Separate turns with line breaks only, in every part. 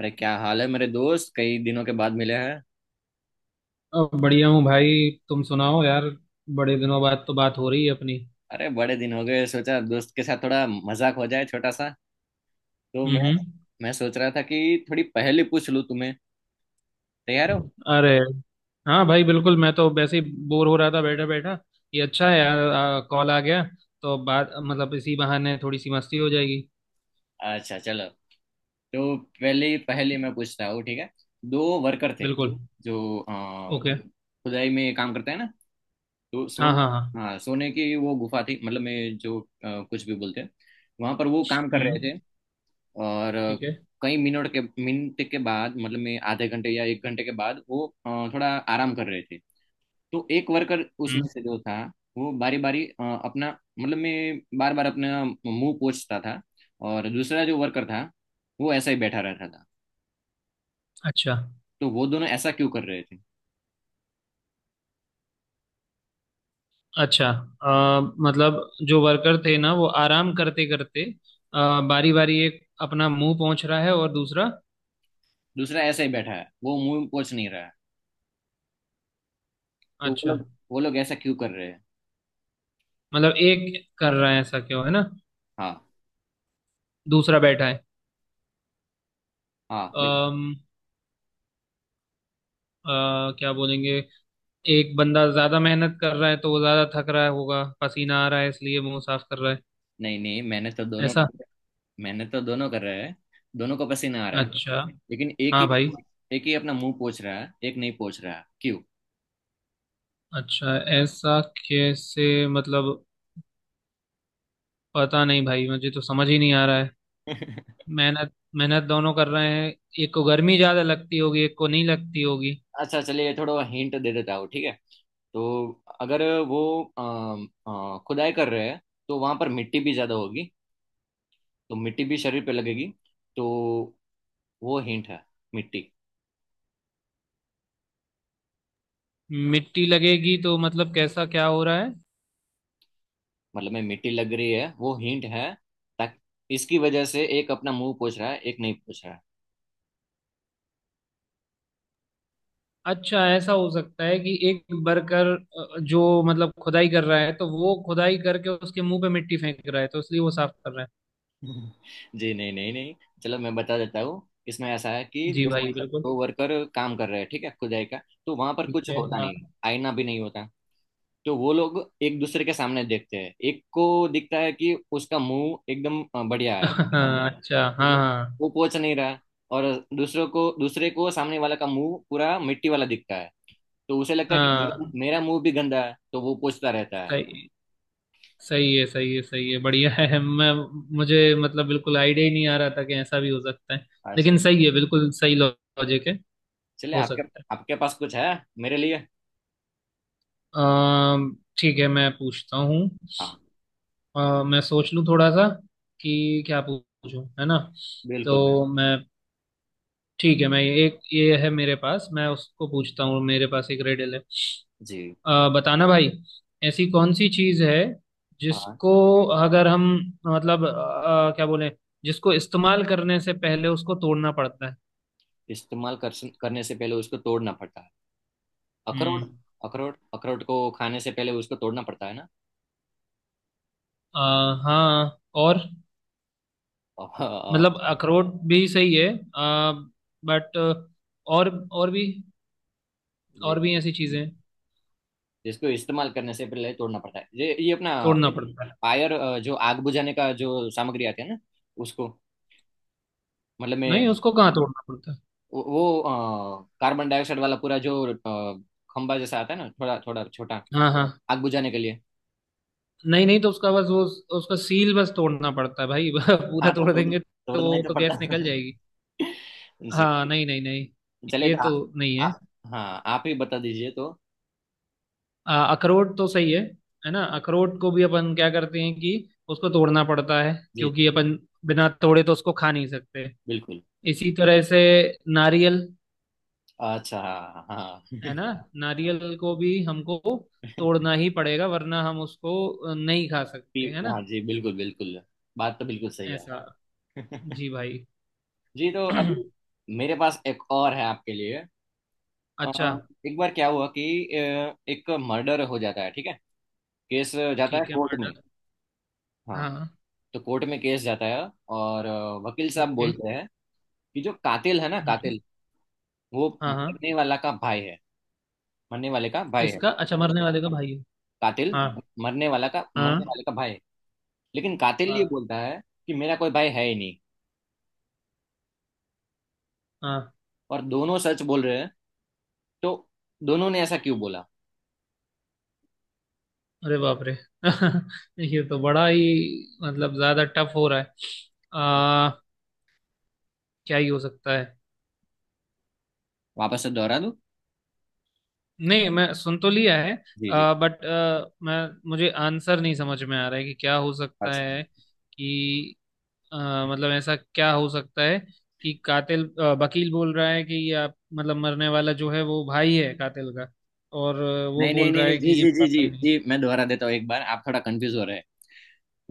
अरे क्या हाल है मेरे दोस्त, कई दिनों के बाद मिले हैं।
बढ़िया हूँ भाई। तुम सुनाओ यार। बड़े दिनों बाद तो बात हो रही है अपनी।
अरे बड़े दिन हो गए, सोचा दोस्त के साथ थोड़ा मजाक हो जाए छोटा सा। तो मैं
हम्म।
मैं सोच रहा था कि थोड़ी पहेली पूछ लूं तुम्हें। तैयार हो?
अरे हाँ भाई बिल्कुल, मैं तो वैसे ही बोर हो रहा था बैठा बैठा। ये अच्छा है यार, कॉल आ गया। तो बात मतलब इसी बहाने थोड़ी सी मस्ती हो जाएगी।
अच्छा चलो, तो पहली पहेली मैं पूछता हूँ, ठीक है। दो वर्कर थे
बिल्कुल।
जो
ओके।
खुदाई में काम करते हैं ना। तो
हाँ
सोन,
हाँ हाँ।
हाँ सोने की वो गुफा थी, मतलब मैं जो कुछ भी बोलते हैं, वहां पर वो काम कर रहे
हम्म।
थे। और
ठीक है।
कई मिनट के बाद, मतलब मैं आधे घंटे या एक घंटे के बाद वो थोड़ा आराम कर रहे थे। तो एक वर्कर उसमें
हम्म।
से जो था, वो बारी बारी अपना, मतलब मैं बार बार अपना मुंह पोंछता था। और दूसरा जो वर्कर था वो ऐसा ही बैठा रहता था।
अच्छा।
तो वो दोनों ऐसा क्यों कर रहे थे?
अच्छा। मतलब जो वर्कर थे ना वो आराम करते करते बारी बारी एक अपना मुंह पहुंच रहा है और दूसरा।
दूसरा ऐसा ही बैठा है, वो मुंह पोंछ नहीं रहा है। तो वो
अच्छा।
लोग वो लोग ऐसा क्यों कर रहे हैं?
मतलब एक कर रहा है, ऐसा क्यों है ना?
हाँ,
दूसरा बैठा है।
हाँ बिल्कुल।
अम, अ, क्या बोलेंगे? एक बंदा ज्यादा मेहनत कर रहा है तो वो ज्यादा थक रहा होगा, पसीना आ रहा है, इसलिए मुंह साफ कर रहा है।
नहीं नहीं,
ऐसा।
मैंने तो दोनों कर रहे हैं, दोनों को पसीना आ रहा है।
अच्छा।
लेकिन एक
हाँ
ही
भाई।
एक ही अपना मुंह पोछ रहा है, एक नहीं पोछ रहा है, क्यों?
अच्छा ऐसा। कैसे मतलब? पता नहीं भाई, मुझे तो समझ ही नहीं आ रहा है। मेहनत मेहनत दोनों कर रहे हैं। एक को गर्मी ज्यादा लगती होगी, एक को नहीं लगती होगी।
अच्छा चलिए, थोड़ा हिंट दे देता हूँ ठीक है। तो अगर वो खुदाई कर रहे हैं, तो वहां पर मिट्टी भी ज्यादा होगी, तो मिट्टी भी शरीर पे लगेगी। तो वो हिंट है, मिट्टी।
मिट्टी लगेगी तो मतलब कैसा, क्या हो रहा है?
मतलब में मिट्टी लग रही है वो हिंट है, ताकि इसकी वजह से एक अपना मुंह पोछ रहा है, एक नहीं पोछ रहा है।
अच्छा, ऐसा हो सकता है कि एक वर्कर जो मतलब खुदाई कर रहा है तो वो खुदाई करके उसके मुंह पे मिट्टी फेंक रहा है तो इसलिए वो साफ कर रहा
जी नहीं नहीं नहीं, चलो मैं बता देता हूँ। इसमें ऐसा है कि
है। जी
दो
ऐसा भाई है बिल्कुल।
दो वर्कर काम कर रहे हैं ठीक है, खुदाई का। तो वहां पर
ठीक
कुछ
है।
होता
हाँ।
नहीं, आईना भी नहीं होता। तो वो लोग एक दूसरे के सामने देखते हैं। एक को दिखता है कि उसका मुंह एकदम बढ़िया है,
हाँ अच्छा
तो
हाँ
वो
हाँ।
वो पोच नहीं रहा। और दूसरों को, दूसरे को सामने वाला का मुंह पूरा मिट्टी वाला दिखता है, तो उसे लगता है कि मेरा
हाँ
मेरा मुंह भी गंदा है, तो वो पोंछता रहता है।
सही। सही है सही है सही है, बढ़िया है। मैं मुझे मतलब बिल्कुल आइडिया ही नहीं आ रहा था कि ऐसा भी हो सकता है।
अच्छा
लेकिन सही है, बिल्कुल सही लॉजिक है।
चलिए,
हो
आपके
सकता है।
आपके पास कुछ है मेरे लिए?
ठीक है, मैं पूछता हूँ।
हाँ
मैं सोच लूँ थोड़ा सा कि क्या पूछूं, है ना?
बिल्कुल बिल्कुल।
तो मैं ठीक है, मैं एक ये है मेरे पास, मैं उसको पूछता हूँ। मेरे पास एक रेडल है।
जी।
बताना भाई, ऐसी कौन सी चीज़ है
हाँ।
जिसको अगर हम, मतलब क्या बोले, जिसको इस्तेमाल करने से पहले उसको तोड़ना पड़ता है?
इस्तेमाल कर, करने से पहले उसको तोड़ना पड़ता है,
हम्म।
अखरोट। अखरोट, अखरोट को खाने से पहले उसको तोड़ना पड़ता है ना।
अ, हाँ। और
और।
मतलब अखरोट भी सही है, बट और भी,
जी।
और भी ऐसी चीज़ें हैं,
जिसको इस्तेमाल करने से पहले तोड़ना पड़ता है ये अपना
तोड़ना पड़ता है।
फायर, जो आग बुझाने का जो सामग्री आती है ना, उसको, मतलब मैं,
नहीं, उसको कहाँ तोड़ना पड़ता है?
वो, कार्बन डाइऑक्साइड वाला पूरा जो खंबा जैसा आता है ना, थोड़ा थोड़ा छोटा,
हाँ हाँ।
आग बुझाने के लिए।
नहीं नहीं, तो उसका बस वो, उसका सील बस तोड़ना पड़ता है भाई। पूरा
हाँ तो
तोड़
तोड़,
देंगे तो
तोड़ना ही
वो
तो
तो
पड़ता
गैस निकल जाएगी।
है। जी।
हाँ, नहीं नहीं नहीं,
चलिए
ये
तो आ,
तो नहीं है।
आ, हाँ आप ही बता दीजिए तो।
अखरोट तो सही है ना? अखरोट को भी अपन क्या करते हैं कि उसको तोड़ना पड़ता है,
जी
क्योंकि अपन बिना तोड़े तो उसको खा नहीं सकते।
बिल्कुल।
इसी तरह से नारियल,
अच्छा हाँ हाँ।
है ना? नारियल को भी हमको
कि,
तोड़ना ही पड़ेगा वरना हम उसको नहीं खा सकते, है
हाँ
ना?
जी बिल्कुल बिल्कुल। बात तो बिल्कुल सही है।
ऐसा। जी भाई।
जी। तो अभी मेरे पास एक और है आपके लिए। अ,
अच्छा।
एक बार क्या हुआ कि एक मर्डर हो जाता है, ठीक है। केस जाता
ठीक
है
है,
कोर्ट में।
मर्डर।
हाँ।
हाँ।
तो कोर्ट में केस जाता है, और वकील साहब
ओके।
बोलते हैं कि जो कातिल है ना,
हम्म।
कातिल वो
हाँ हाँ।
मरने वाला का भाई है। मरने वाले का भाई है।
किसका? अच्छा, मरने वाले का भाई है।
कातिल
हाँ
मरने वाला का, मरने
हाँ।
वाले का भाई है। लेकिन कातिल ये
हाँ
बोलता है कि मेरा कोई भाई है ही नहीं।
हाँ।
और दोनों सच बोल रहे हैं। तो दोनों ने ऐसा क्यों बोला?
अरे बाप रे। ये तो बड़ा ही मतलब ज्यादा टफ हो रहा है। आ, क्या ही हो सकता है?
वापस से दोहरा दूं?
नहीं, मैं सुन तो लिया है।
जी जी।
बट मैं मुझे आंसर नहीं समझ में आ रहा है कि क्या हो सकता
अच्छा।
है कि अ, मतलब ऐसा क्या हो सकता है कि कातिल वकील बोल रहा है कि ये आप मतलब मरने वाला जो है वो भाई है कातिल का, और वो
नहीं नहीं
बोल
नहीं
रहा
नहीं,
है
जी
कि ये
जी
मेरा
जी जी
भाई नहीं।
जी, मैं दोहरा देता हूँ एक बार, आप थोड़ा कंफ्यूज हो रहे हैं।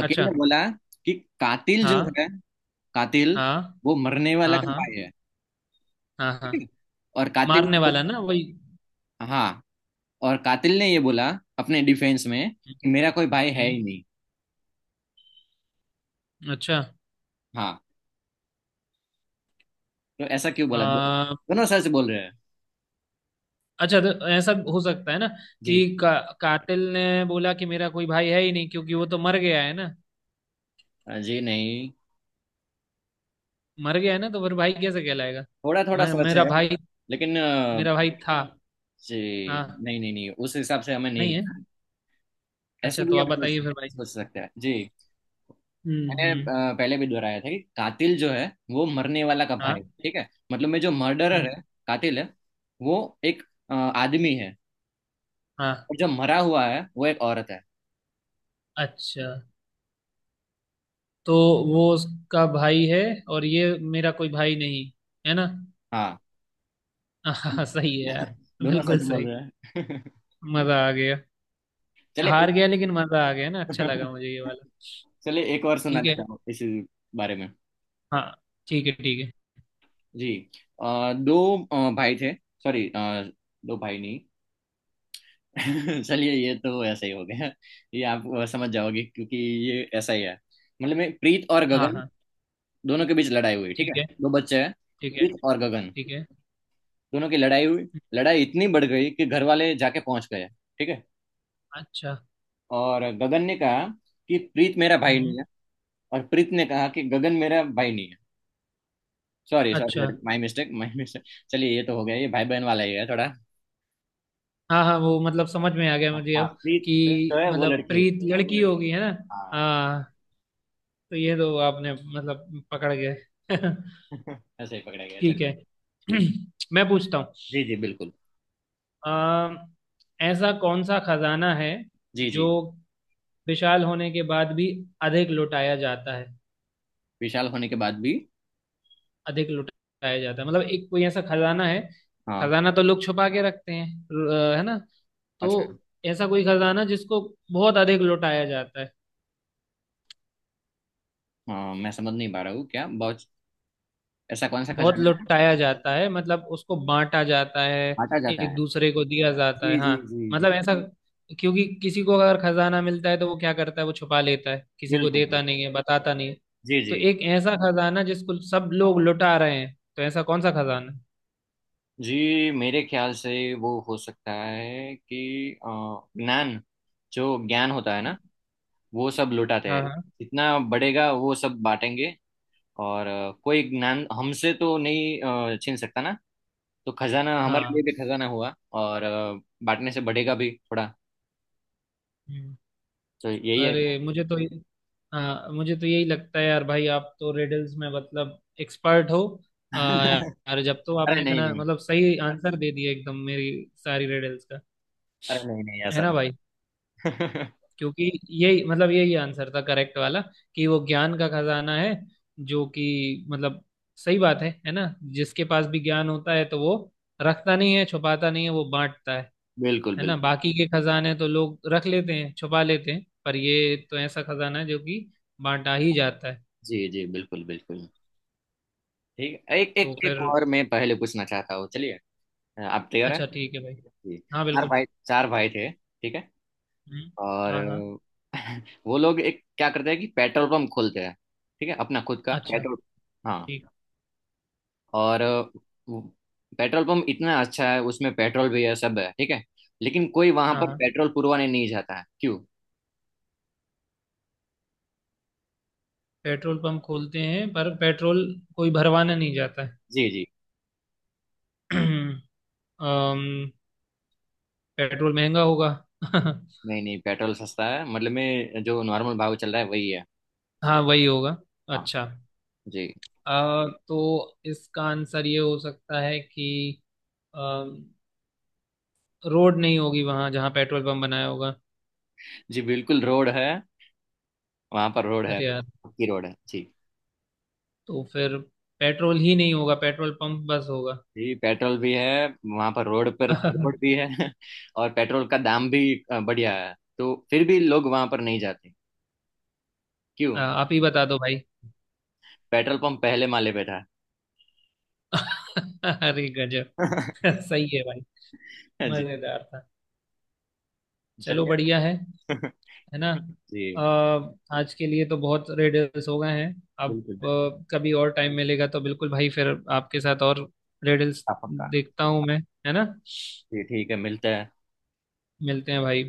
वकील
अच्छा।
ने बोला कि कातिल जो
हाँ
है, कातिल
हाँ
वो मरने वाला
हाँ
का
हाँ
भाई है,
हाँ हाँ।
ठीक है। और
मारने वाला ना वही।
हाँ। और कातिल ने ये बोला अपने डिफेंस में कि मेरा कोई भाई है
हम्म।
ही नहीं।
अच्छा।
हाँ। तो ऐसा क्यों बोला?
अ,
दोनों सच बोल रहे हैं।
अच्छा, तो ऐसा हो सकता है ना
जी।
कि कातिल ने बोला कि मेरा कोई भाई है ही नहीं क्योंकि वो तो मर गया है ना।
जी नहीं,
मर गया है ना तो फिर भाई कैसे कहलाएगा?
थोड़ा थोड़ा सच
मेरा
है
भाई,
लेकिन।
मेरा भाई था।
जी
हाँ।
नहीं नहीं नहीं, उस हिसाब से हमें नहीं
नहीं है।
लेना। ऐसे
अच्छा, तो
भी
आप
हम सोच
बताइए फिर भाई।
सोच सकते हैं जी। मैंने
हम्म।
पहले भी दोहराया था कि कातिल जो है वो मरने वाला का भाई,
हाँ।
ठीक है। मतलब में जो मर्डरर
हम्म।
है, कातिल है, वो एक आदमी है।
हाँ।
और जो मरा हुआ है वो एक औरत है।
अच्छा। तो वो उसका भाई है और ये मेरा कोई भाई नहीं, है ना?
हाँ।
हाँ सही है यार।
दोनों
बिल्कुल
सच बोल
सही।
रहे हैं।
मजा आ गया।
चले एक,
हार गया लेकिन मजा आ गया ना, अच्छा लगा मुझे ये वाला।
चलिए एक और सुना
ठीक है।
देता हूँ इस बारे में।
हाँ। ठीक है ठीक है।
जी। दो भाई थे। सॉरी, दो भाई नहीं। चलिए ये तो ऐसा ही हो गया। ये आप समझ जाओगे क्योंकि ये ऐसा ही है। मतलब मैं प्रीत और
हाँ
गगन,
हाँ।
दोनों के बीच लड़ाई हुई, ठीक
ठीक
है।
है
दो बच्चे हैं,
ठीक है
प्रीत और गगन,
ठीक है।
दोनों की लड़ाई हुई। लड़ाई इतनी बढ़ गई कि घर वाले जाके पहुंच गए, ठीक है।
अच्छा।
और गगन ने कहा कि प्रीत मेरा भाई
हम्म।
नहीं है। और प्रीत ने कहा कि गगन मेरा भाई नहीं है। सॉरी सॉरी
अच्छा।
Sorry, my mistake my mistake. चलिए ये तो हो गया, ये भाई बहन वाला ही है थोड़ा।
हाँ हाँ, वो मतलब समझ में आ गया मुझे
हाँ,
अब
प्रीत प्रीत जो
कि
है वो
मतलब
लड़की है।
प्रीत लड़की होगी, है ना?
हाँ।
हाँ। तो ये तो आपने मतलब पकड़ गए।
ऐसे ही पकड़ा गया,
ठीक
चलिए।
है। मैं पूछता हूँ।
जी जी बिल्कुल।
अम, ऐसा कौन सा खजाना है
जी जी।
जो विशाल होने के बाद भी अधिक लुटाया जाता है?
विशाल होने के बाद भी।
अधिक लुटाया जाता है मतलब एक कोई ऐसा खजाना है।
हाँ।
खजाना तो लोग छुपा के रखते हैं है ना?
अच्छा।
तो ऐसा कोई खजाना जिसको बहुत अधिक लुटाया जाता है,
हाँ मैं समझ नहीं पा रहा हूँ क्या, बहुत, ऐसा कौन सा
बहुत
खजाना है?
लुटाया जाता है मतलब उसको बांटा जाता है,
बांटा जाता
एक
है?
दूसरे को दिया जाता है,
जी
हाँ।
जी जी जी
मतलब ऐसा, क्योंकि किसी को अगर खजाना मिलता है तो वो क्या करता है, वो छुपा लेता है, किसी को
बिल्कुल
देता
बिल्कुल।
नहीं है, बताता नहीं है।
जी
तो
जी।
एक ऐसा खजाना जिसको सब लोग लुटा रहे हैं, तो ऐसा कौन सा खजाना है?
जी मेरे ख्याल से वो हो सकता है कि ज्ञान। जो ज्ञान होता है ना, वो सब लुटाते
हाँ
हैं।
हाँ
जितना बढ़ेगा वो सब बांटेंगे। और कोई ज्ञान हमसे तो नहीं छीन सकता ना, तो खजाना हमारे लिए
हाँ।
भी खजाना हुआ। और बांटने से बढ़ेगा भी थोड़ा।
हम्म।
तो यही है।
अरे मुझे तो हाँ, मुझे तो यही लगता है यार भाई, आप तो रिडल्स में मतलब एक्सपर्ट हो। यार जब तो
अरे
आपने
नहीं
इतना
नहीं।
मतलब सही आंसर दे दिया एकदम मेरी सारी रिडल्स का,
अरे नहीं नहीं,
है
ऐसा
ना भाई?
नहीं।
क्योंकि यही मतलब यही आंसर था करेक्ट वाला, कि वो ज्ञान का खजाना है, जो कि मतलब सही बात है ना? जिसके पास भी ज्ञान होता है तो वो रखता नहीं है, छुपाता नहीं है, वो बांटता है।
बिल्कुल
है ना?
बिल्कुल।
बाकी के खजाने तो लोग रख लेते हैं, छुपा लेते हैं, पर ये तो ऐसा खजाना है जो कि बांटा ही जाता है।
जी जी बिल्कुल बिल्कुल। ठीक है, एक एक
तो
एक
फिर
और मैं पहले पूछना चाहता हूँ, चलिए। आप तैयार हैं?
अच्छा ठीक है भाई।
जी।
हाँ
चार
बिल्कुल।
भाई चार भाई थे, ठीक है।
हम्म।
और
हाँ हाँ।
वो लोग एक क्या करते हैं कि पेट्रोल पंप खोलते हैं, ठीक है, अपना खुद का
अच्छा।
पेट्रोल। हाँ।
ठीक।
और वो पेट्रोल पंप इतना अच्छा है, उसमें पेट्रोल भी है, सब है, ठीक है। लेकिन कोई वहां
हाँ
पर
हाँ।
पेट्रोल पुरवाने नहीं जाता है, क्यों?
पेट्रोल पंप खोलते हैं पर पेट्रोल कोई भरवाना नहीं जाता
जी जी।
है। अम्म, पेट्रोल महंगा होगा।
नहीं नहीं, पेट्रोल सस्ता है, मतलब में जो नॉर्मल भाव चल रहा है वही है।
हाँ वही होगा।
हाँ।
अच्छा।
जी
तो इसका आंसर ये हो सकता है कि अम्म, रोड नहीं होगी वहां जहाँ पेट्रोल पंप बनाया होगा।
जी बिल्कुल, रोड है, वहां पर रोड है,
अरे यार,
पक्की रोड है जी।
तो फिर पेट्रोल ही नहीं होगा, पेट्रोल पंप बस होगा।
जी पेट्रोल भी है, वहां पर रोड पर पेट्रोल भी है और पेट्रोल का दाम भी बढ़िया है। तो फिर भी लोग वहां पर नहीं जाते, क्यों?
आप ही बता दो भाई।
पेट्रोल पंप पहले माले पे था।
अरे गजब। सही है भाई।
जी,
मजेदार था। चलो बढ़िया
चलिए।
है है ना? अ,
जी
आज के लिए तो बहुत रेडल्स हो गए हैं। अब
बिल्कुल,
कभी और टाइम मिलेगा तो बिल्कुल भाई फिर आपके साथ और रेडल्स
पक्का पक्का।
देखता हूँ मैं, है ना?
जी ठीक है, मिलते हैं।
मिलते हैं भाई।